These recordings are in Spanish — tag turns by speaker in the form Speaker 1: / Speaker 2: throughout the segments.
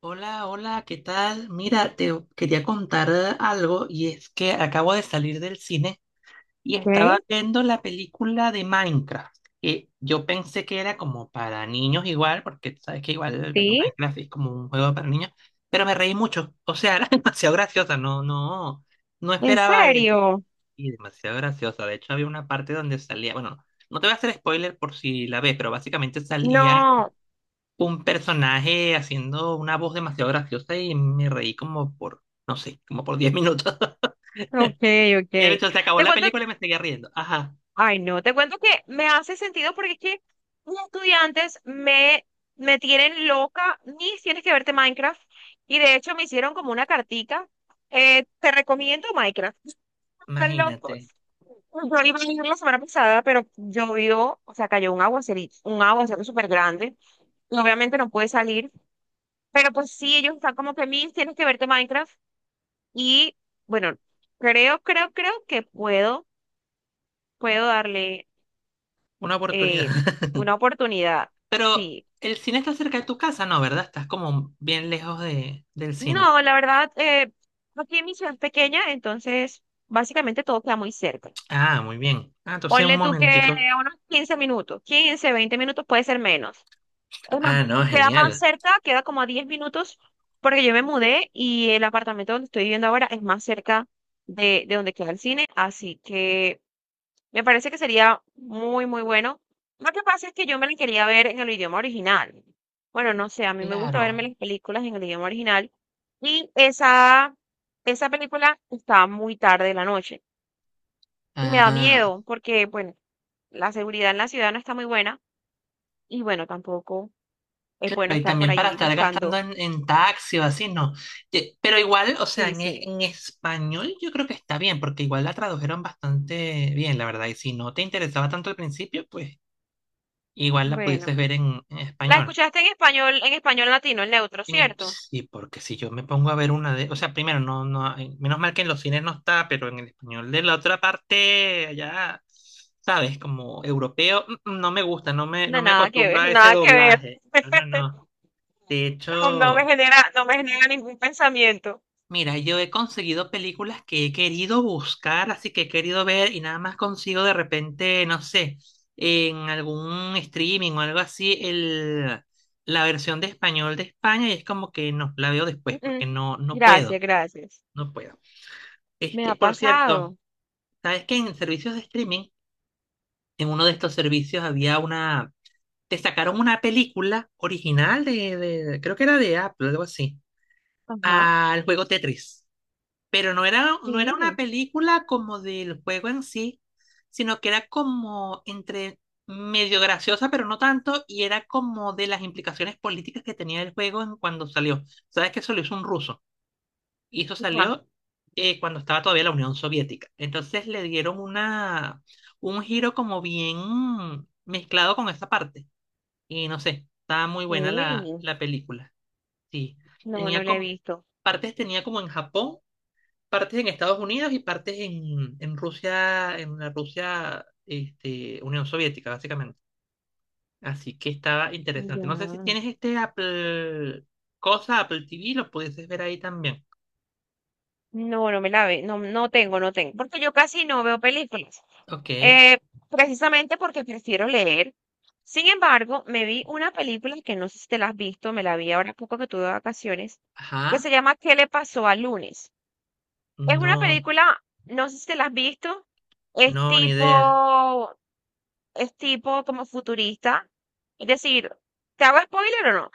Speaker 1: Hola, hola, ¿qué tal? Mira, te quería contar algo, y es que acabo de salir del cine y estaba
Speaker 2: ¿Ok?
Speaker 1: viendo la película de Minecraft, que yo pensé que era como para niños igual, porque tú sabes que igual, bueno,
Speaker 2: ¿Sí?
Speaker 1: Minecraft es como un juego para niños, pero me reí mucho, o sea, era demasiado graciosa. No, no, no
Speaker 2: ¿En
Speaker 1: esperaba eso,
Speaker 2: serio?
Speaker 1: y demasiado graciosa. De hecho, había una parte donde salía, bueno, no te voy a hacer spoiler por si la ves, pero básicamente salía
Speaker 2: No,
Speaker 1: un personaje haciendo una voz demasiado graciosa y me reí como por, no sé, como por 10 minutos.
Speaker 2: ok, ok.
Speaker 1: De hecho, se acabó
Speaker 2: Te
Speaker 1: la
Speaker 2: cuento,
Speaker 1: película y me seguía riendo. Ajá,
Speaker 2: ay no, te cuento que me hace sentido porque es que mis estudiantes me tienen loca, ni tienes que verte Minecraft, y de hecho me hicieron como una cartica, te recomiendo Minecraft, están locos.
Speaker 1: imagínate,
Speaker 2: Yo iba a ir la semana pasada, pero llovió, o sea, cayó un aguacerito, un aguacero súper grande, y obviamente no pude salir, pero pues sí, ellos están como que, Miss, tienes que verte Minecraft. Y bueno, creo que puedo darle
Speaker 1: una oportunidad.
Speaker 2: eh, una oportunidad.
Speaker 1: Pero
Speaker 2: Sí.
Speaker 1: el cine está cerca de tu casa, ¿no? ¿Verdad? Estás como bien lejos del cine.
Speaker 2: No, la verdad, aquí mi ciudad es pequeña, entonces básicamente todo queda muy cerca.
Speaker 1: Ah, muy bien. Ah, entonces un
Speaker 2: Ponle tú que
Speaker 1: momentico.
Speaker 2: a unos 15 minutos, 15, 20 minutos puede ser menos. Es más,
Speaker 1: Ah, no,
Speaker 2: queda más
Speaker 1: genial.
Speaker 2: cerca, queda como a 10 minutos, porque yo me mudé y el apartamento donde estoy viviendo ahora es más cerca de donde queda el cine, así que me parece que sería muy, muy bueno. Lo que pasa es que yo me la quería ver en el idioma original. Bueno, no sé, a mí me gusta verme
Speaker 1: Claro.
Speaker 2: las películas en el idioma original. Y esa película está muy tarde de la noche. Y me da
Speaker 1: Ah,
Speaker 2: miedo porque, bueno, la seguridad en la ciudad no está muy buena. Y bueno, tampoco es
Speaker 1: claro,
Speaker 2: bueno
Speaker 1: y
Speaker 2: estar por
Speaker 1: también para
Speaker 2: allí
Speaker 1: estar gastando
Speaker 2: buscando.
Speaker 1: en, taxi o así, no. Pero igual, o sea,
Speaker 2: Sí,
Speaker 1: en, e-
Speaker 2: sí.
Speaker 1: en español yo creo que está bien, porque igual la tradujeron bastante bien, la verdad. Y si no te interesaba tanto al principio, pues igual la
Speaker 2: Bueno.
Speaker 1: pudieses ver en
Speaker 2: ¿La
Speaker 1: español.
Speaker 2: escuchaste en español latino, en neutro,
Speaker 1: En
Speaker 2: cierto?
Speaker 1: es- sí, porque si yo me pongo a ver una de, o sea, primero, no, no, menos mal que en los cines no está, pero en el español de la otra parte, ya, sabes, como europeo, no me gusta, no me,
Speaker 2: No,
Speaker 1: no me
Speaker 2: nada que
Speaker 1: acostumbro
Speaker 2: ver,
Speaker 1: a ese
Speaker 2: nada que ver.
Speaker 1: doblaje. No, no, no. De
Speaker 2: No, no me
Speaker 1: hecho.
Speaker 2: genera, no me genera ningún pensamiento.
Speaker 1: Mira, yo he conseguido películas que he querido buscar, así que he querido ver y nada más consigo de repente, no sé, en algún streaming o algo así, la versión de español de España, y es como que no, la veo después porque
Speaker 2: Mm.
Speaker 1: no puedo,
Speaker 2: Gracias, gracias.
Speaker 1: no puedo.
Speaker 2: Me ha
Speaker 1: Este, por cierto,
Speaker 2: pasado.
Speaker 1: ¿sabes que en servicios de streaming, en uno de estos servicios había te sacaron una película original de, creo que era de Apple, algo así,
Speaker 2: Ajá.
Speaker 1: al juego Tetris? Pero no era una
Speaker 2: Sí.
Speaker 1: película como del juego en sí, sino que era como entre medio graciosa, pero no tanto, y era como de las implicaciones políticas que tenía el juego en cuando salió. Sabes que eso lo hizo un ruso, y eso
Speaker 2: Ajá.
Speaker 1: salió cuando estaba todavía la Unión Soviética. Entonces le dieron un giro como bien mezclado con esa parte. Y no sé, estaba muy buena la,
Speaker 2: Sí.
Speaker 1: la película. Sí,
Speaker 2: No,
Speaker 1: tenía
Speaker 2: no la he
Speaker 1: como,
Speaker 2: visto.
Speaker 1: en Japón, partes en Estados Unidos y partes en Rusia, en la Rusia, Unión Soviética, básicamente. Así que estaba interesante.
Speaker 2: Ya.
Speaker 1: No sé si tienes este Apple cosa, Apple TV, lo pudieses ver ahí también.
Speaker 2: No, no me la ve, no, no tengo, no tengo, porque yo casi no veo películas,
Speaker 1: Ok,
Speaker 2: eh, precisamente porque prefiero leer. Sin embargo, me vi una película que no sé si te la has visto, me la vi ahora poco que tuve vacaciones, que
Speaker 1: ajá.
Speaker 2: se llama ¿Qué le pasó al lunes? Es una
Speaker 1: No,
Speaker 2: película, no sé si te la has visto, es
Speaker 1: no, ni idea.
Speaker 2: tipo, es tipo como futurista, es decir, ¿te hago spoiler o no?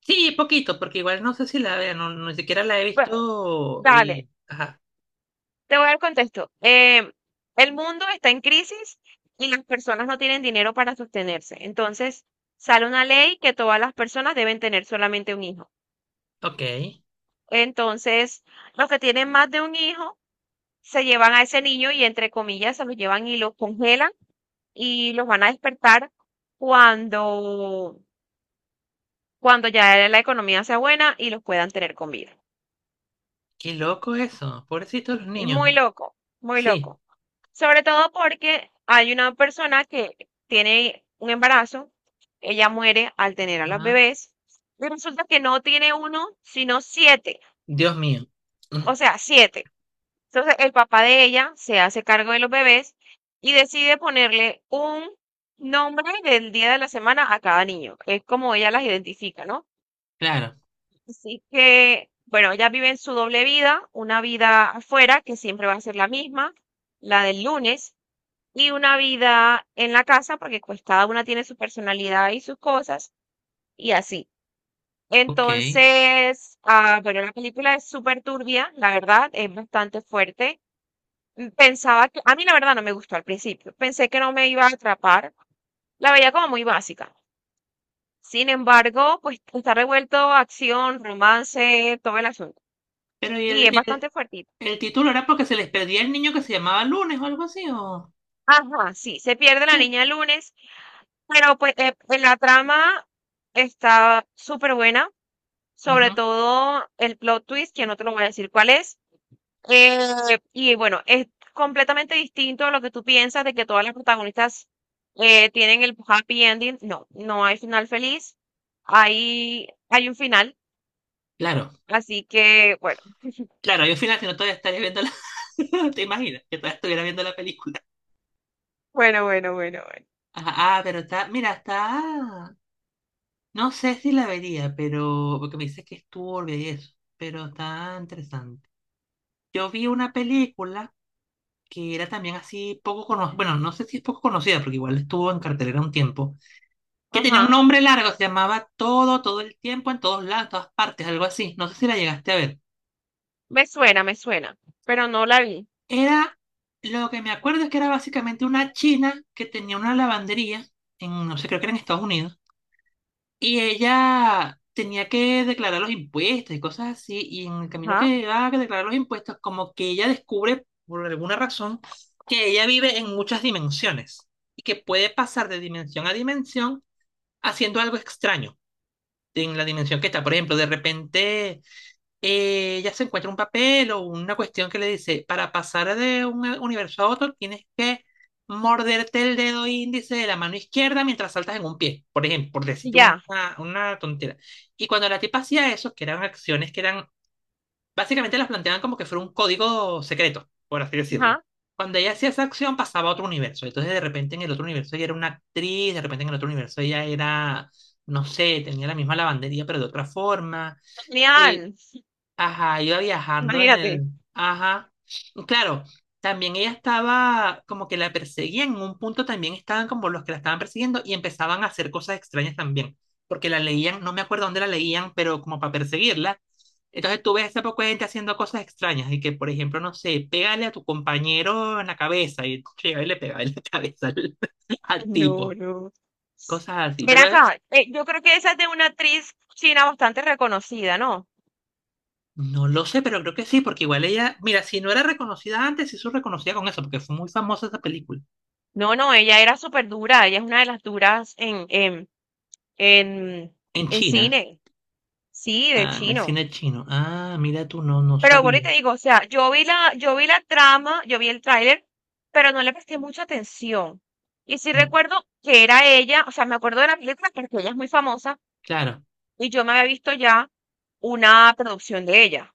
Speaker 1: Sí, poquito, porque igual no sé si la vea, ni siquiera la he
Speaker 2: Bueno,
Speaker 1: visto y...
Speaker 2: dale,
Speaker 1: Ajá,
Speaker 2: te voy a dar contexto. El mundo está en crisis y las personas no tienen dinero para sostenerse. Entonces, sale una ley que todas las personas deben tener solamente un hijo.
Speaker 1: ok.
Speaker 2: Entonces, los que tienen más de un hijo se llevan a ese niño y, entre comillas, se los llevan y los congelan y los van a despertar cuando, cuando ya la economía sea buena y los puedan tener con vida.
Speaker 1: Qué loco eso, pobrecitos los
Speaker 2: Y muy
Speaker 1: niños.
Speaker 2: loco, muy
Speaker 1: Sí,
Speaker 2: loco. Sobre todo porque hay una persona que tiene un embarazo, ella muere al tener a los
Speaker 1: ajá.
Speaker 2: bebés, y resulta que no tiene uno, sino siete,
Speaker 1: Dios mío. Mm,
Speaker 2: o sea, siete. Entonces el papá de ella se hace cargo de los bebés y decide ponerle un nombre del día de la semana a cada niño. Es como ella las identifica, ¿no?
Speaker 1: claro,
Speaker 2: Así que, bueno, ella vive en su doble vida, una vida afuera que siempre va a ser la misma, la del lunes, y una vida en la casa, porque pues cada una tiene su personalidad y sus cosas, y así.
Speaker 1: ok.
Speaker 2: Entonces, bueno, la película es súper turbia, la verdad, es bastante fuerte. Pensaba que, a mí la verdad no me gustó al principio, pensé que no me iba a atrapar, la veía como muy básica. Sin embargo, pues está revuelto acción, romance, todo el asunto.
Speaker 1: Pero ¿y
Speaker 2: Y es
Speaker 1: el,
Speaker 2: bastante fuertita.
Speaker 1: El título era porque se les perdía el niño que se llamaba Lunes o algo así, o...
Speaker 2: Ajá, sí, se pierde la
Speaker 1: Sí.
Speaker 2: niña el lunes, pero pues en la trama está súper buena. Sobre
Speaker 1: Ujú.
Speaker 2: todo el plot twist, que no te lo voy a decir cuál es. Y bueno, es completamente distinto a lo que tú piensas de que todas las protagonistas tienen el happy ending. No, no hay final feliz. Hay un final.
Speaker 1: Claro,
Speaker 2: Así que, bueno.
Speaker 1: claro, yo al final si no todavía estaría viendo la... ¿Te imaginas? Que todavía estuviera viendo la película.
Speaker 2: Bueno, bueno, bueno, bueno.
Speaker 1: Ah, ah, pero está, mira, está... No sé si la vería, pero... Porque me dice que es turbia y eso, pero está interesante. Yo vi una película que era también así poco conocida, bueno, no sé si es poco conocida, porque igual estuvo en cartelera un tiempo, que tenía un
Speaker 2: Ajá.
Speaker 1: nombre largo, se llamaba Todo, todo el tiempo, en todos lados, en todas partes, algo así. No sé si la llegaste a ver.
Speaker 2: Me suena, me suena. Pero no la vi.
Speaker 1: Era, lo que me acuerdo es que era básicamente una china que tenía una lavandería, no sé, creo que era en Estados Unidos, y ella tenía que declarar los impuestos y cosas así, y en el camino que
Speaker 2: Ajá.
Speaker 1: iba a declarar los impuestos, como que ella descubre, por alguna razón, que ella vive en muchas dimensiones y que puede pasar de dimensión a dimensión haciendo algo extraño en la dimensión que está. Por ejemplo, de repente ella se encuentra un papel o una cuestión que le dice, para pasar de un universo a otro tienes que morderte el dedo índice de la mano izquierda mientras saltas en un pie, por ejemplo, por
Speaker 2: Y
Speaker 1: decirte una,
Speaker 2: ya.
Speaker 1: una tontera. Y cuando la tipa hacía eso, que eran acciones que eran, básicamente las planteaban como que fuera un código secreto, por así decirlo.
Speaker 2: Ajá.
Speaker 1: Cuando ella hacía esa acción pasaba a otro universo, entonces de repente en el otro universo ella era una actriz, de repente en el otro universo ella era, no sé, tenía la misma lavandería pero de otra forma. Eh,
Speaker 2: Genial.
Speaker 1: Ajá, iba viajando en
Speaker 2: Imagínate.
Speaker 1: el... Ajá. Claro, también ella estaba como que la perseguían, en un punto también estaban como los que la estaban persiguiendo y empezaban a hacer cosas extrañas también, porque la leían, no me acuerdo dónde la leían, pero como para perseguirla. Entonces tú ves a ese poco de gente haciendo cosas extrañas y que, por ejemplo, no sé, pégale a tu compañero en la cabeza y llega y le pega en la cabeza al
Speaker 2: No,
Speaker 1: tipo,
Speaker 2: no.
Speaker 1: cosas así.
Speaker 2: Ven
Speaker 1: Pero
Speaker 2: acá, yo creo que esa es de una actriz china bastante reconocida, ¿no?
Speaker 1: no lo sé, pero creo que sí, porque igual ella, mira, si no era reconocida antes, sí se reconocía con eso, porque fue muy famosa esa película.
Speaker 2: No, no, ella era súper dura, ella es una de las duras en,
Speaker 1: En
Speaker 2: en
Speaker 1: China,
Speaker 2: cine, sí, de
Speaker 1: ah, en el
Speaker 2: chino.
Speaker 1: cine chino. Ah, mira tú, no
Speaker 2: Pero bueno, y
Speaker 1: sabía.
Speaker 2: te digo, o sea, yo vi la trama, yo vi el tráiler, pero no le presté mucha atención. Y sí
Speaker 1: Mm,
Speaker 2: recuerdo que era ella, o sea, me acuerdo de la película porque ella es muy famosa
Speaker 1: claro.
Speaker 2: y yo me había visto ya una producción de ella.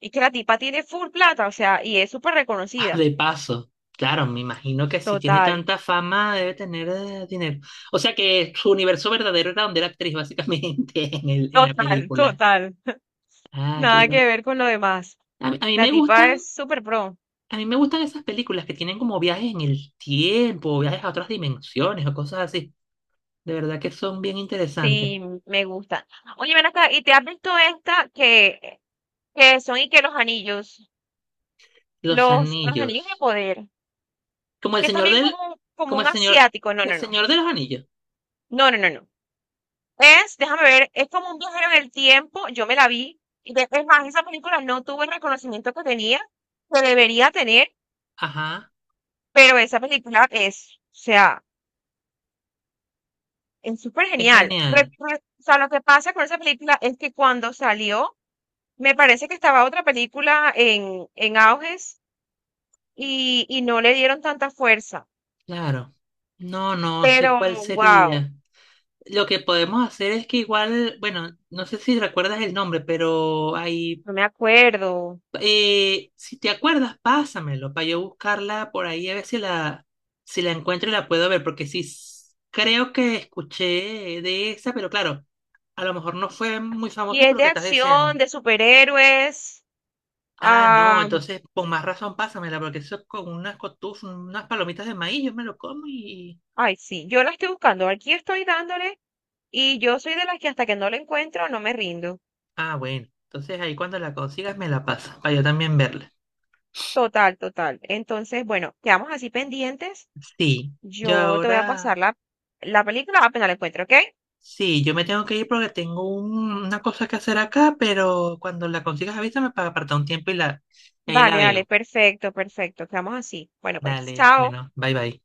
Speaker 2: Y que la tipa tiene full plata, o sea, y es súper
Speaker 1: Ah,
Speaker 2: reconocida.
Speaker 1: de paso. Claro, me imagino que si tiene
Speaker 2: Total,
Speaker 1: tanta fama, debe tener dinero. O sea que su universo verdadero era donde era actriz, básicamente, en el, en la,
Speaker 2: total,
Speaker 1: película.
Speaker 2: total.
Speaker 1: Ah, qué
Speaker 2: Nada que
Speaker 1: loco.
Speaker 2: ver con lo demás.
Speaker 1: A, mí a mí
Speaker 2: La
Speaker 1: me gustan,
Speaker 2: tipa es súper pro.
Speaker 1: a mí me gustan esas películas que tienen como viajes en el tiempo, viajes a otras dimensiones o cosas así. De verdad que son bien interesantes.
Speaker 2: Sí, me gusta. Oye, ven acá, ¿y te has visto esta que son y que los anillos,
Speaker 1: Los
Speaker 2: los anillos de
Speaker 1: anillos.
Speaker 2: poder,
Speaker 1: Como el
Speaker 2: que es
Speaker 1: señor
Speaker 2: también
Speaker 1: del,
Speaker 2: como, como
Speaker 1: como
Speaker 2: un
Speaker 1: el señor,
Speaker 2: asiático? No,
Speaker 1: el
Speaker 2: no, no.
Speaker 1: señor de los anillos.
Speaker 2: No, no, no, no. Es, déjame ver, es como un viajero en el tiempo. Yo me la vi. Es más, esa película no tuvo el reconocimiento que tenía, que debería tener.
Speaker 1: Ajá,
Speaker 2: Pero esa película es, o sea, es súper
Speaker 1: es
Speaker 2: genial.
Speaker 1: genial,
Speaker 2: O sea, lo que pasa con esa película es que cuando salió, me parece que estaba otra película en auges y no le dieron tanta fuerza.
Speaker 1: claro. No, no sé
Speaker 2: Pero,
Speaker 1: cuál
Speaker 2: wow,
Speaker 1: sería. Lo que podemos hacer es que igual, bueno, no sé si recuerdas el nombre, pero ahí,
Speaker 2: no me acuerdo.
Speaker 1: si te acuerdas, pásamelo para yo buscarla por ahí a ver si la encuentro y la puedo ver, porque sí, creo que escuché de esa, pero claro, a lo mejor no fue muy
Speaker 2: Y
Speaker 1: famosa por
Speaker 2: es
Speaker 1: lo
Speaker 2: de
Speaker 1: que estás diciendo.
Speaker 2: acción, de superhéroes.
Speaker 1: Ah, no,
Speaker 2: ah,
Speaker 1: entonces con más razón pásamela, porque eso con unas cotufas, unas palomitas de maíz, yo me lo como y...
Speaker 2: Ay, sí, yo la estoy buscando. Aquí estoy dándole y yo soy de las que hasta que no la encuentro no me rindo.
Speaker 1: Ah, bueno, entonces ahí cuando la consigas me la pasas, para yo también verla.
Speaker 2: Total, total. Entonces, bueno, quedamos así pendientes.
Speaker 1: Sí, yo
Speaker 2: Yo te voy a
Speaker 1: ahora...
Speaker 2: pasar la película apenas la encuentro, ¿ok?
Speaker 1: Sí, yo me tengo que ir porque tengo una cosa que hacer acá, pero cuando la consigas avísame para apartar un tiempo y, la... y ahí la
Speaker 2: Vale, dale,
Speaker 1: veo.
Speaker 2: perfecto, perfecto. Quedamos así. Bueno, pues,
Speaker 1: Dale,
Speaker 2: chao.
Speaker 1: bueno, bye bye.